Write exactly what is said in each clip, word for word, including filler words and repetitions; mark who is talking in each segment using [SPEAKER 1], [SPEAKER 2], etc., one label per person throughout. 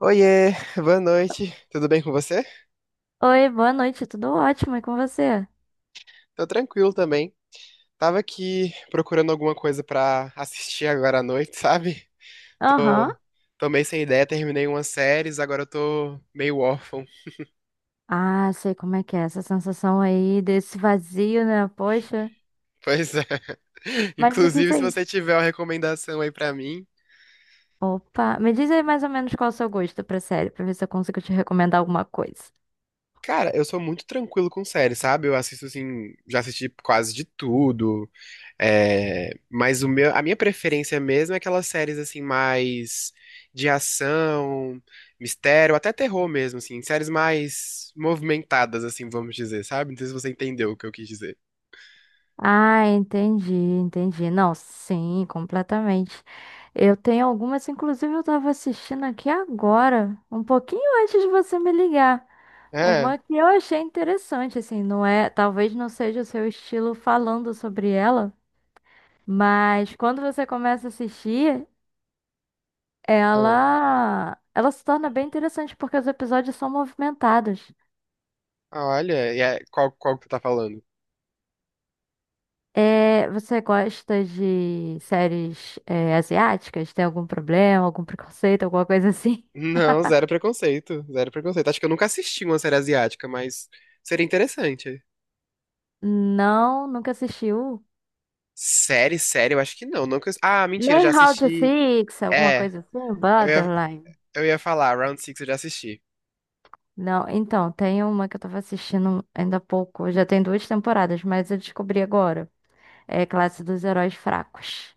[SPEAKER 1] Oiê, boa noite. Tudo bem com você?
[SPEAKER 2] Oi, boa noite, tudo ótimo, e com você?
[SPEAKER 1] Tô tranquilo também. Tava aqui procurando alguma coisa pra assistir agora à noite, sabe?
[SPEAKER 2] Aham.
[SPEAKER 1] Tô, tô meio sem ideia, terminei umas séries, agora eu tô meio órfão.
[SPEAKER 2] Ah, sei como é que é essa sensação aí desse vazio, né? Poxa.
[SPEAKER 1] Pois é.
[SPEAKER 2] Mas me diz
[SPEAKER 1] Inclusive, se
[SPEAKER 2] aí.
[SPEAKER 1] você tiver uma recomendação aí pra mim.
[SPEAKER 2] Opa, me diz aí mais ou menos qual é o seu gosto pra série, pra ver se eu consigo te recomendar alguma coisa.
[SPEAKER 1] Cara, eu sou muito tranquilo com séries, sabe? Eu assisto assim, já assisti quase de tudo. É, mas o meu, a minha preferência mesmo é aquelas séries assim mais de ação, mistério, até terror mesmo, assim, séries mais movimentadas, assim, vamos dizer, sabe? Não sei se você entendeu o que eu quis dizer.
[SPEAKER 2] Ah, entendi, entendi. Não, sim, completamente. Eu tenho algumas, inclusive eu estava assistindo aqui agora, um pouquinho antes de você me ligar.
[SPEAKER 1] É, é.
[SPEAKER 2] Uma que eu achei interessante, assim, não é, talvez não seja o seu estilo falando sobre ela, mas quando você começa a assistir, ela ela se torna bem interessante porque os episódios são movimentados.
[SPEAKER 1] Ah, olha, e é- qual, qual que tu tá falando?
[SPEAKER 2] É, você gosta de séries, é, asiáticas? Tem algum problema, algum preconceito, alguma coisa assim?
[SPEAKER 1] Não, zero preconceito, zero preconceito. Acho que eu nunca assisti uma série asiática, mas seria interessante.
[SPEAKER 2] Não, nunca assistiu.
[SPEAKER 1] Série, série, eu acho que não. Nunca... Ah, mentira, já
[SPEAKER 2] Nem How to
[SPEAKER 1] assisti.
[SPEAKER 2] Six, alguma
[SPEAKER 1] É,
[SPEAKER 2] coisa assim,
[SPEAKER 1] eu ia,
[SPEAKER 2] Borderline.
[SPEAKER 1] eu ia falar, Round Six eu já assisti.
[SPEAKER 2] Não, então, tem uma que eu tava assistindo ainda há pouco. Já tem duas temporadas, mas eu descobri agora. É Classe dos Heróis Fracos.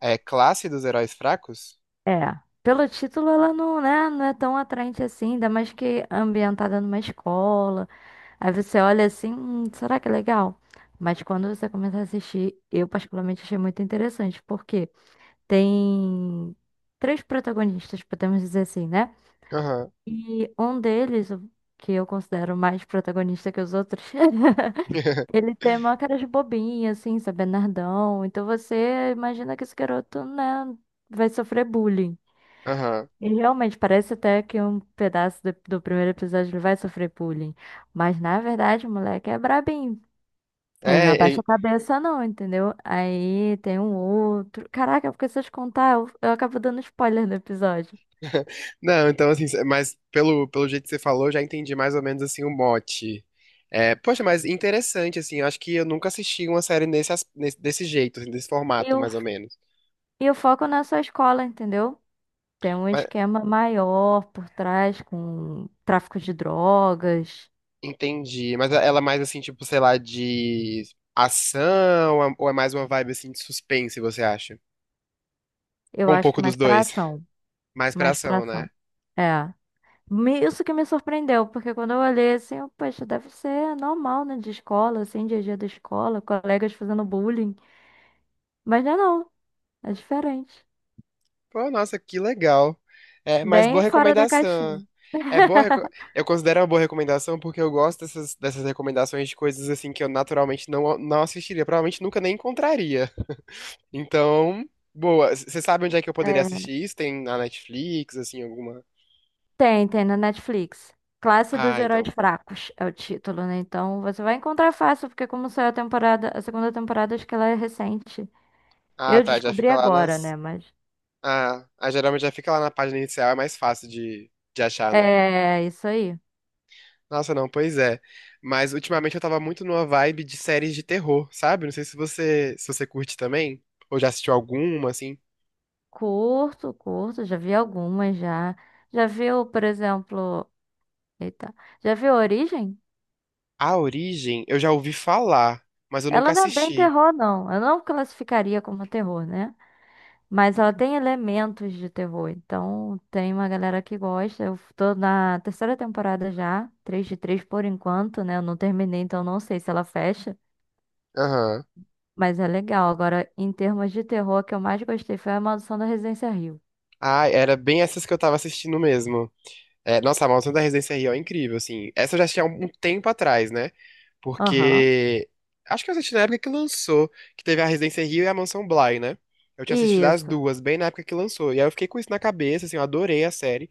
[SPEAKER 1] É Classe dos Heróis Fracos?
[SPEAKER 2] É, pelo título ela não, né, não é tão atraente assim, ainda mais que é ambientada numa escola. Aí você olha assim, "Hum, será que é legal?" Mas quando você começa a assistir, eu particularmente achei muito interessante, porque tem três protagonistas, podemos dizer assim, né?
[SPEAKER 1] Aham.
[SPEAKER 2] E um deles, o que eu considero mais protagonista que os outros, ele tem uma cara de bobinha, assim, sabe, nerdão. Então você imagina que esse garoto, né, vai sofrer bullying.
[SPEAKER 1] Aham.
[SPEAKER 2] E realmente parece até que um pedaço do, do primeiro episódio ele vai sofrer bullying. Mas na verdade o moleque é brabinho. Ele não
[SPEAKER 1] É,
[SPEAKER 2] abaixa
[SPEAKER 1] é-
[SPEAKER 2] a cabeça, não, entendeu? Aí tem um outro. Caraca, porque se eu te contar, eu, eu acabo dando spoiler no episódio.
[SPEAKER 1] Não, então assim, mas pelo, pelo jeito que você falou, eu já entendi mais ou menos assim o mote. É, poxa, mas interessante, assim, eu acho que eu nunca assisti uma série nesse, as- nesse- desse jeito, assim, desse
[SPEAKER 2] E
[SPEAKER 1] formato,
[SPEAKER 2] o,
[SPEAKER 1] mais ou menos.
[SPEAKER 2] e o foco não é só a escola, entendeu? Tem um
[SPEAKER 1] Mas,
[SPEAKER 2] esquema maior por trás com tráfico de drogas.
[SPEAKER 1] entendi, mas é, ela é mais assim, tipo, sei lá, de ação, ou é é mais uma vibe assim de suspense, você acha?
[SPEAKER 2] Eu
[SPEAKER 1] Ou um
[SPEAKER 2] acho que
[SPEAKER 1] pouco
[SPEAKER 2] mais
[SPEAKER 1] dos
[SPEAKER 2] pra
[SPEAKER 1] dois?
[SPEAKER 2] ação.
[SPEAKER 1] Mais pra
[SPEAKER 2] Mais pra
[SPEAKER 1] ação, né?
[SPEAKER 2] ação. É. Me- Isso que me surpreendeu, porque quando eu olhei assim, eu, poxa, deve ser normal, né? De escola, assim, dia a dia da escola, colegas fazendo bullying. Mas não é não, é diferente.
[SPEAKER 1] Pô, nossa, que legal. É, mas
[SPEAKER 2] Bem
[SPEAKER 1] boa
[SPEAKER 2] fora da
[SPEAKER 1] recomendação.
[SPEAKER 2] caixinha.
[SPEAKER 1] É boa, reco- eu considero uma boa recomendação porque eu gosto dessas, dessas recomendações de coisas assim que eu naturalmente não, não assistiria, provavelmente nunca nem encontraria. Então, boa. C- Você sabe onde é que eu poderia
[SPEAKER 2] É.
[SPEAKER 1] assistir isso? Tem na Netflix, assim, alguma?
[SPEAKER 2] Tem, tem na Netflix. Classe dos
[SPEAKER 1] Ah,
[SPEAKER 2] Heróis
[SPEAKER 1] então.
[SPEAKER 2] Fracos é o título, né? Então você vai encontrar fácil, porque como saiu a temporada, a segunda temporada, acho que ela é recente.
[SPEAKER 1] Ah,
[SPEAKER 2] Eu
[SPEAKER 1] tá, já
[SPEAKER 2] descobri
[SPEAKER 1] fica lá
[SPEAKER 2] agora,
[SPEAKER 1] nas.
[SPEAKER 2] né? Mas
[SPEAKER 1] Ah, ah, geralmente já fica lá na página inicial, é mais fácil de, de achar, né?
[SPEAKER 2] é isso aí.
[SPEAKER 1] Nossa, não, pois é. Mas ultimamente eu tava muito numa vibe de séries de terror, sabe? Não sei se você, se você curte também, ou já assistiu alguma, assim.
[SPEAKER 2] Curto, curto, já vi algumas já. Já viu, por exemplo. Eita. Já viu a Origem?
[SPEAKER 1] A Origem, eu já ouvi falar, mas eu
[SPEAKER 2] Ela
[SPEAKER 1] nunca
[SPEAKER 2] não é bem
[SPEAKER 1] assisti.
[SPEAKER 2] terror, não. Eu não classificaria como terror, né? Mas ela tem elementos de terror. Então, tem uma galera que gosta. Eu tô na terceira temporada já, três de três por enquanto, né? Eu não terminei, então não sei se ela fecha.
[SPEAKER 1] Aham.
[SPEAKER 2] Mas é legal. Agora, em termos de terror, a que eu mais gostei foi A Maldição da Residência Rio.
[SPEAKER 1] Ah, era bem essas que eu tava assistindo mesmo. É, nossa, a Maldição da Residência Hill é incrível, assim. Essa eu já assisti há um tempo atrás, né?
[SPEAKER 2] Aham.
[SPEAKER 1] Porque acho que eu assisti na época que lançou, que teve a Residência Hill e a Mansão Bly, né? Eu tinha assistido as
[SPEAKER 2] Isso.
[SPEAKER 1] duas, bem na época que lançou. E aí eu fiquei com isso na cabeça, assim, eu adorei a série.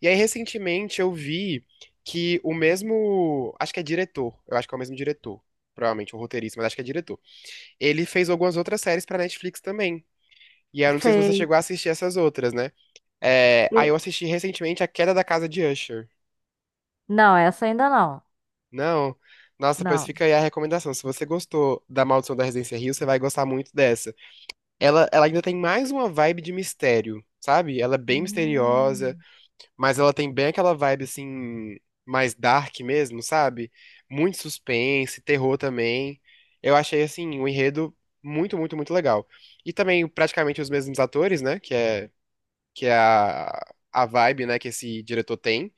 [SPEAKER 1] E aí, recentemente, eu vi que o mesmo. Acho que é diretor. Eu acho que é o mesmo diretor. Provavelmente o roteirista, mas acho que é diretor. Ele fez algumas outras séries pra Netflix também. E aí, eu não sei se você
[SPEAKER 2] Fez.
[SPEAKER 1] chegou a assistir essas outras, né? É, aí eu
[SPEAKER 2] E-
[SPEAKER 1] assisti recentemente A Queda da Casa de Usher.
[SPEAKER 2] Não, essa ainda não.
[SPEAKER 1] Não. Nossa, pois
[SPEAKER 2] Não.
[SPEAKER 1] fica aí a recomendação. Se você gostou da Maldição da Residência Rio, você vai gostar muito dessa. Ela, ela ainda tem mais uma vibe de mistério, sabe? Ela é bem misteriosa.
[SPEAKER 2] Hum.
[SPEAKER 1] Mas ela tem bem aquela vibe assim, mais dark mesmo, sabe? Muito suspense, terror também. Eu achei assim, o enredo muito, muito, muito legal. E também praticamente os mesmos atores, né? Que é, que é a, a vibe, né, que esse diretor tem.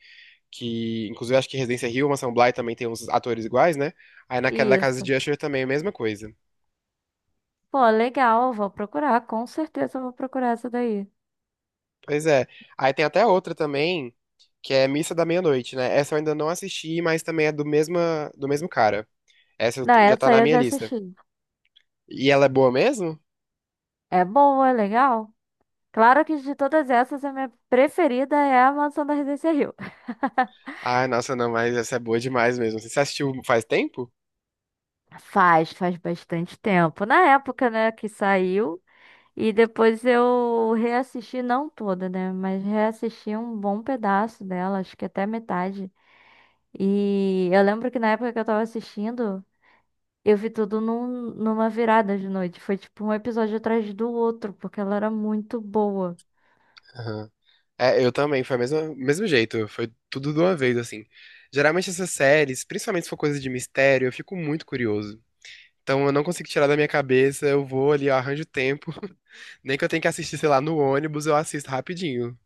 [SPEAKER 1] Que, inclusive, acho que Residência Hill, Mansão Bly também tem uns atores iguais, né? Aí na Queda da Casa
[SPEAKER 2] Isso.
[SPEAKER 1] de Usher também é a mesma coisa.
[SPEAKER 2] Pô, legal, vou procurar, com certeza eu vou procurar essa daí.
[SPEAKER 1] Pois é. Aí tem até outra também, que é Missa da Meia-Noite, né? Essa eu ainda não assisti, mas também é do mesma, do mesmo cara. Essa eu
[SPEAKER 2] Não,
[SPEAKER 1] t- já tá
[SPEAKER 2] essa aí
[SPEAKER 1] na
[SPEAKER 2] eu
[SPEAKER 1] minha
[SPEAKER 2] já
[SPEAKER 1] lista.
[SPEAKER 2] assisti.
[SPEAKER 1] E ela é boa mesmo?
[SPEAKER 2] É boa, é legal. Claro que de todas essas, a minha preferida é a Mansão da Residência Rio.
[SPEAKER 1] Ah, nossa, não, mas essa é boa demais mesmo. Você assistiu faz tempo?
[SPEAKER 2] Faz, faz bastante tempo. Na época, né, que saiu. E depois eu reassisti, não toda, né? Mas reassisti um bom pedaço dela, acho que até metade. E eu lembro que na época que eu tava assistindo. Eu vi tudo num- numa virada de noite. Foi tipo um episódio atrás do outro, porque ela era muito boa.
[SPEAKER 1] Aham. É, eu também, foi o mesmo, mesmo jeito, foi tudo de uma vez, assim. Geralmente essas séries, principalmente se for coisa de mistério, eu fico muito curioso. Então eu não consigo tirar da minha cabeça, eu vou ali, eu arranjo tempo. Nem que eu tenha que assistir, sei lá, no ônibus, eu assisto rapidinho.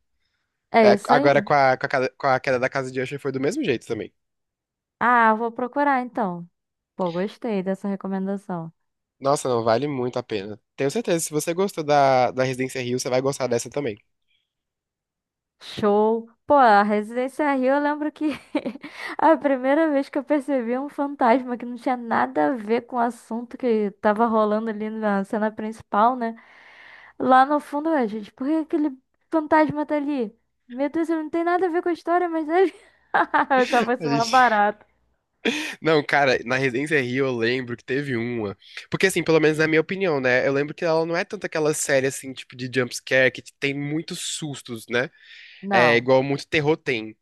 [SPEAKER 2] É
[SPEAKER 1] É,
[SPEAKER 2] isso
[SPEAKER 1] agora com
[SPEAKER 2] aí.
[SPEAKER 1] a, com a ca- com a Queda da Casa de Usher foi do mesmo jeito também.
[SPEAKER 2] Ah, vou procurar então. Pô, gostei dessa recomendação.
[SPEAKER 1] Nossa, não, vale muito a pena. Tenho certeza, se você gostou da, da Residência Rio, você vai gostar dessa também.
[SPEAKER 2] Show. Pô, a Residência Rio, eu lembro que a primeira vez que eu percebi um fantasma que não tinha nada a ver com o assunto que tava rolando ali na cena principal, né? Lá no fundo, ué, gente, por que aquele fantasma tá ali? Meu Deus, ele não tem nada a ver com a história, mas ele. Eu achava
[SPEAKER 1] A
[SPEAKER 2] isso uma
[SPEAKER 1] gente...
[SPEAKER 2] barata.
[SPEAKER 1] Não, cara, na Residência Rio eu lembro que teve uma. Porque, assim, pelo menos na minha opinião, né? Eu lembro que ela não é tanto aquela série, assim, tipo de jumpscare que tem muitos sustos, né? É
[SPEAKER 2] Não.
[SPEAKER 1] igual muito terror tem.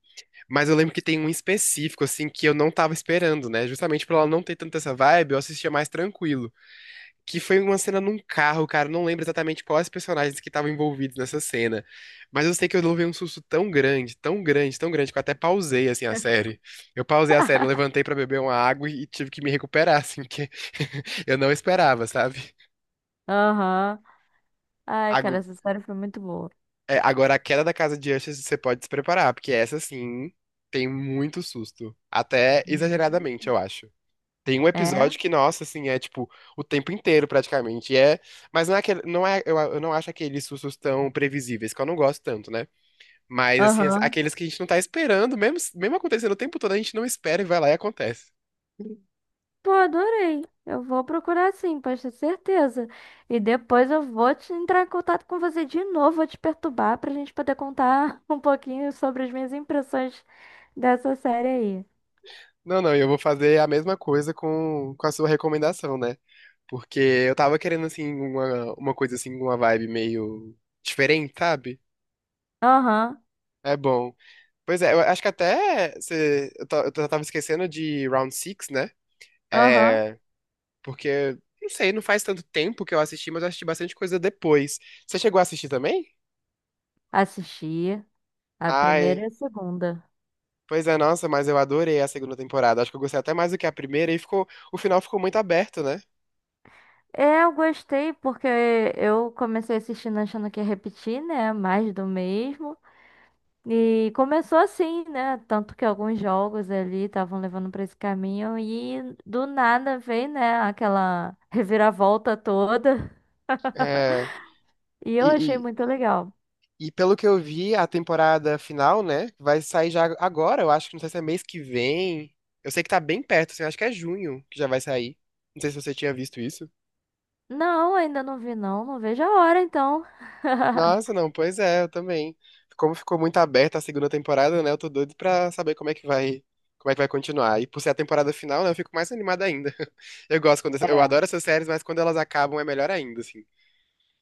[SPEAKER 1] Mas eu lembro que tem um específico, assim, que eu não tava esperando, né? Justamente por ela não ter tanta essa vibe, eu assistia mais tranquilo, que foi uma cena num carro, cara. Eu não lembro exatamente quais personagens que estavam envolvidos nessa cena. Mas eu sei que eu levei um susto tão grande, tão grande, tão grande, que eu até pausei, assim, a série. Eu pausei a série, levantei pra beber uma água e tive que me recuperar, assim, porque eu não esperava, sabe?
[SPEAKER 2] Aham. Ai, cara,
[SPEAKER 1] Ago-
[SPEAKER 2] essa história foi muito boa.
[SPEAKER 1] é, Agora, a Queda da Casa de Usher, você pode se preparar, porque essa, assim, tem muito susto. Até
[SPEAKER 2] Hum.
[SPEAKER 1] exageradamente, eu acho. Tem um
[SPEAKER 2] É?
[SPEAKER 1] episódio que, nossa, assim, é tipo o tempo inteiro praticamente. E é, mas não é aquele, não é, eu, eu não acho aqueles sustos tão previsíveis, que eu não gosto tanto, né? Mas assim, as-
[SPEAKER 2] Aham.
[SPEAKER 1] aqueles que a gente não tá esperando, mesmo, mesmo acontecendo o tempo todo, a gente não espera e vai lá e acontece.
[SPEAKER 2] Pô, adorei. Eu vou procurar sim, pode ter certeza. E depois eu vou te entrar em contato com você de novo, vou te perturbar pra gente poder contar um pouquinho sobre as minhas impressões dessa série aí.
[SPEAKER 1] Não, não, eu vou fazer a mesma coisa com, com a sua recomendação, né? Porque eu tava querendo assim uma, uma coisa assim, uma vibe meio diferente, sabe?
[SPEAKER 2] Aham,
[SPEAKER 1] É bom. Pois é, eu acho que até você, eu, ta- eu tava esquecendo de Round Six, né?
[SPEAKER 2] aham.
[SPEAKER 1] É, porque, não sei, não faz tanto tempo que eu assisti, mas eu assisti bastante coisa depois. Você chegou a assistir também?
[SPEAKER 2] Assisti a primeira
[SPEAKER 1] Ai,
[SPEAKER 2] e a segunda.
[SPEAKER 1] pois é, nossa, mas eu adorei a segunda temporada. Acho que eu gostei até mais do que a primeira e ficou, o final ficou muito aberto, né?
[SPEAKER 2] É, eu gostei porque eu comecei assistindo achando que ia repetir, né? Mais do mesmo. E começou assim, né? Tanto que alguns jogos ali estavam levando pra esse caminho e do nada veio, né, aquela reviravolta toda.
[SPEAKER 1] É,
[SPEAKER 2] E eu
[SPEAKER 1] e,
[SPEAKER 2] achei
[SPEAKER 1] e,
[SPEAKER 2] muito legal.
[SPEAKER 1] e pelo que eu vi, a temporada final, né, vai sair já agora, eu acho que não sei se é mês que vem. Eu sei que tá bem perto, assim, acho que é junho que já vai sair. Não sei se você tinha visto isso.
[SPEAKER 2] Não, ainda não vi não, não vejo a hora então.
[SPEAKER 1] Nossa, não, pois é, eu também. Como ficou muito aberta a segunda temporada, né? Eu tô doido pra saber como é que vai, como é que vai continuar. E por ser a temporada final, né, eu fico mais animada ainda. Eu gosto quando, eu
[SPEAKER 2] É.
[SPEAKER 1] adoro essas séries, mas quando elas acabam é melhor ainda, assim.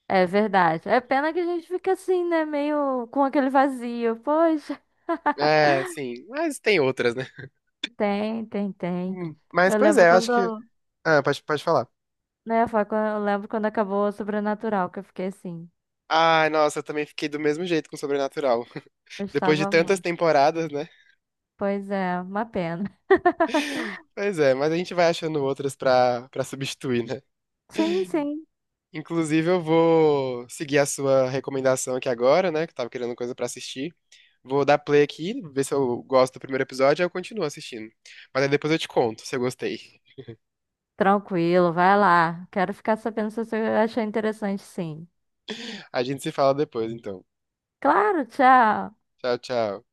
[SPEAKER 2] É verdade. É pena que a gente fica assim, né, meio com aquele vazio. Poxa,
[SPEAKER 1] É, sim, mas tem outras, né?
[SPEAKER 2] tem, tem, tem.
[SPEAKER 1] Hum, mas
[SPEAKER 2] Eu
[SPEAKER 1] pois
[SPEAKER 2] lembro
[SPEAKER 1] é, eu acho
[SPEAKER 2] quando,
[SPEAKER 1] que, ah, pode, pode falar.
[SPEAKER 2] né, foi quando, eu lembro quando acabou o Sobrenatural, que eu fiquei assim,
[SPEAKER 1] Ai, nossa, eu também fiquei do mesmo jeito com Sobrenatural. Depois de
[SPEAKER 2] gostava
[SPEAKER 1] tantas
[SPEAKER 2] muito.
[SPEAKER 1] temporadas, né?
[SPEAKER 2] Pois é, uma pena.
[SPEAKER 1] Pois é, mas a gente vai achando outras pra, pra substituir, né?
[SPEAKER 2] Sim, sim.
[SPEAKER 1] Inclusive, eu vou seguir a sua recomendação aqui agora, né? Que eu tava querendo coisa pra assistir. Vou dar play aqui, ver se eu gosto do primeiro episódio, aí eu continuo assistindo. Mas aí depois eu te conto se eu gostei.
[SPEAKER 2] Tranquilo, vai lá. Quero ficar sabendo se você achou interessante, sim.
[SPEAKER 1] A gente se fala depois, então.
[SPEAKER 2] Claro, tchau.
[SPEAKER 1] Tchau, tchau.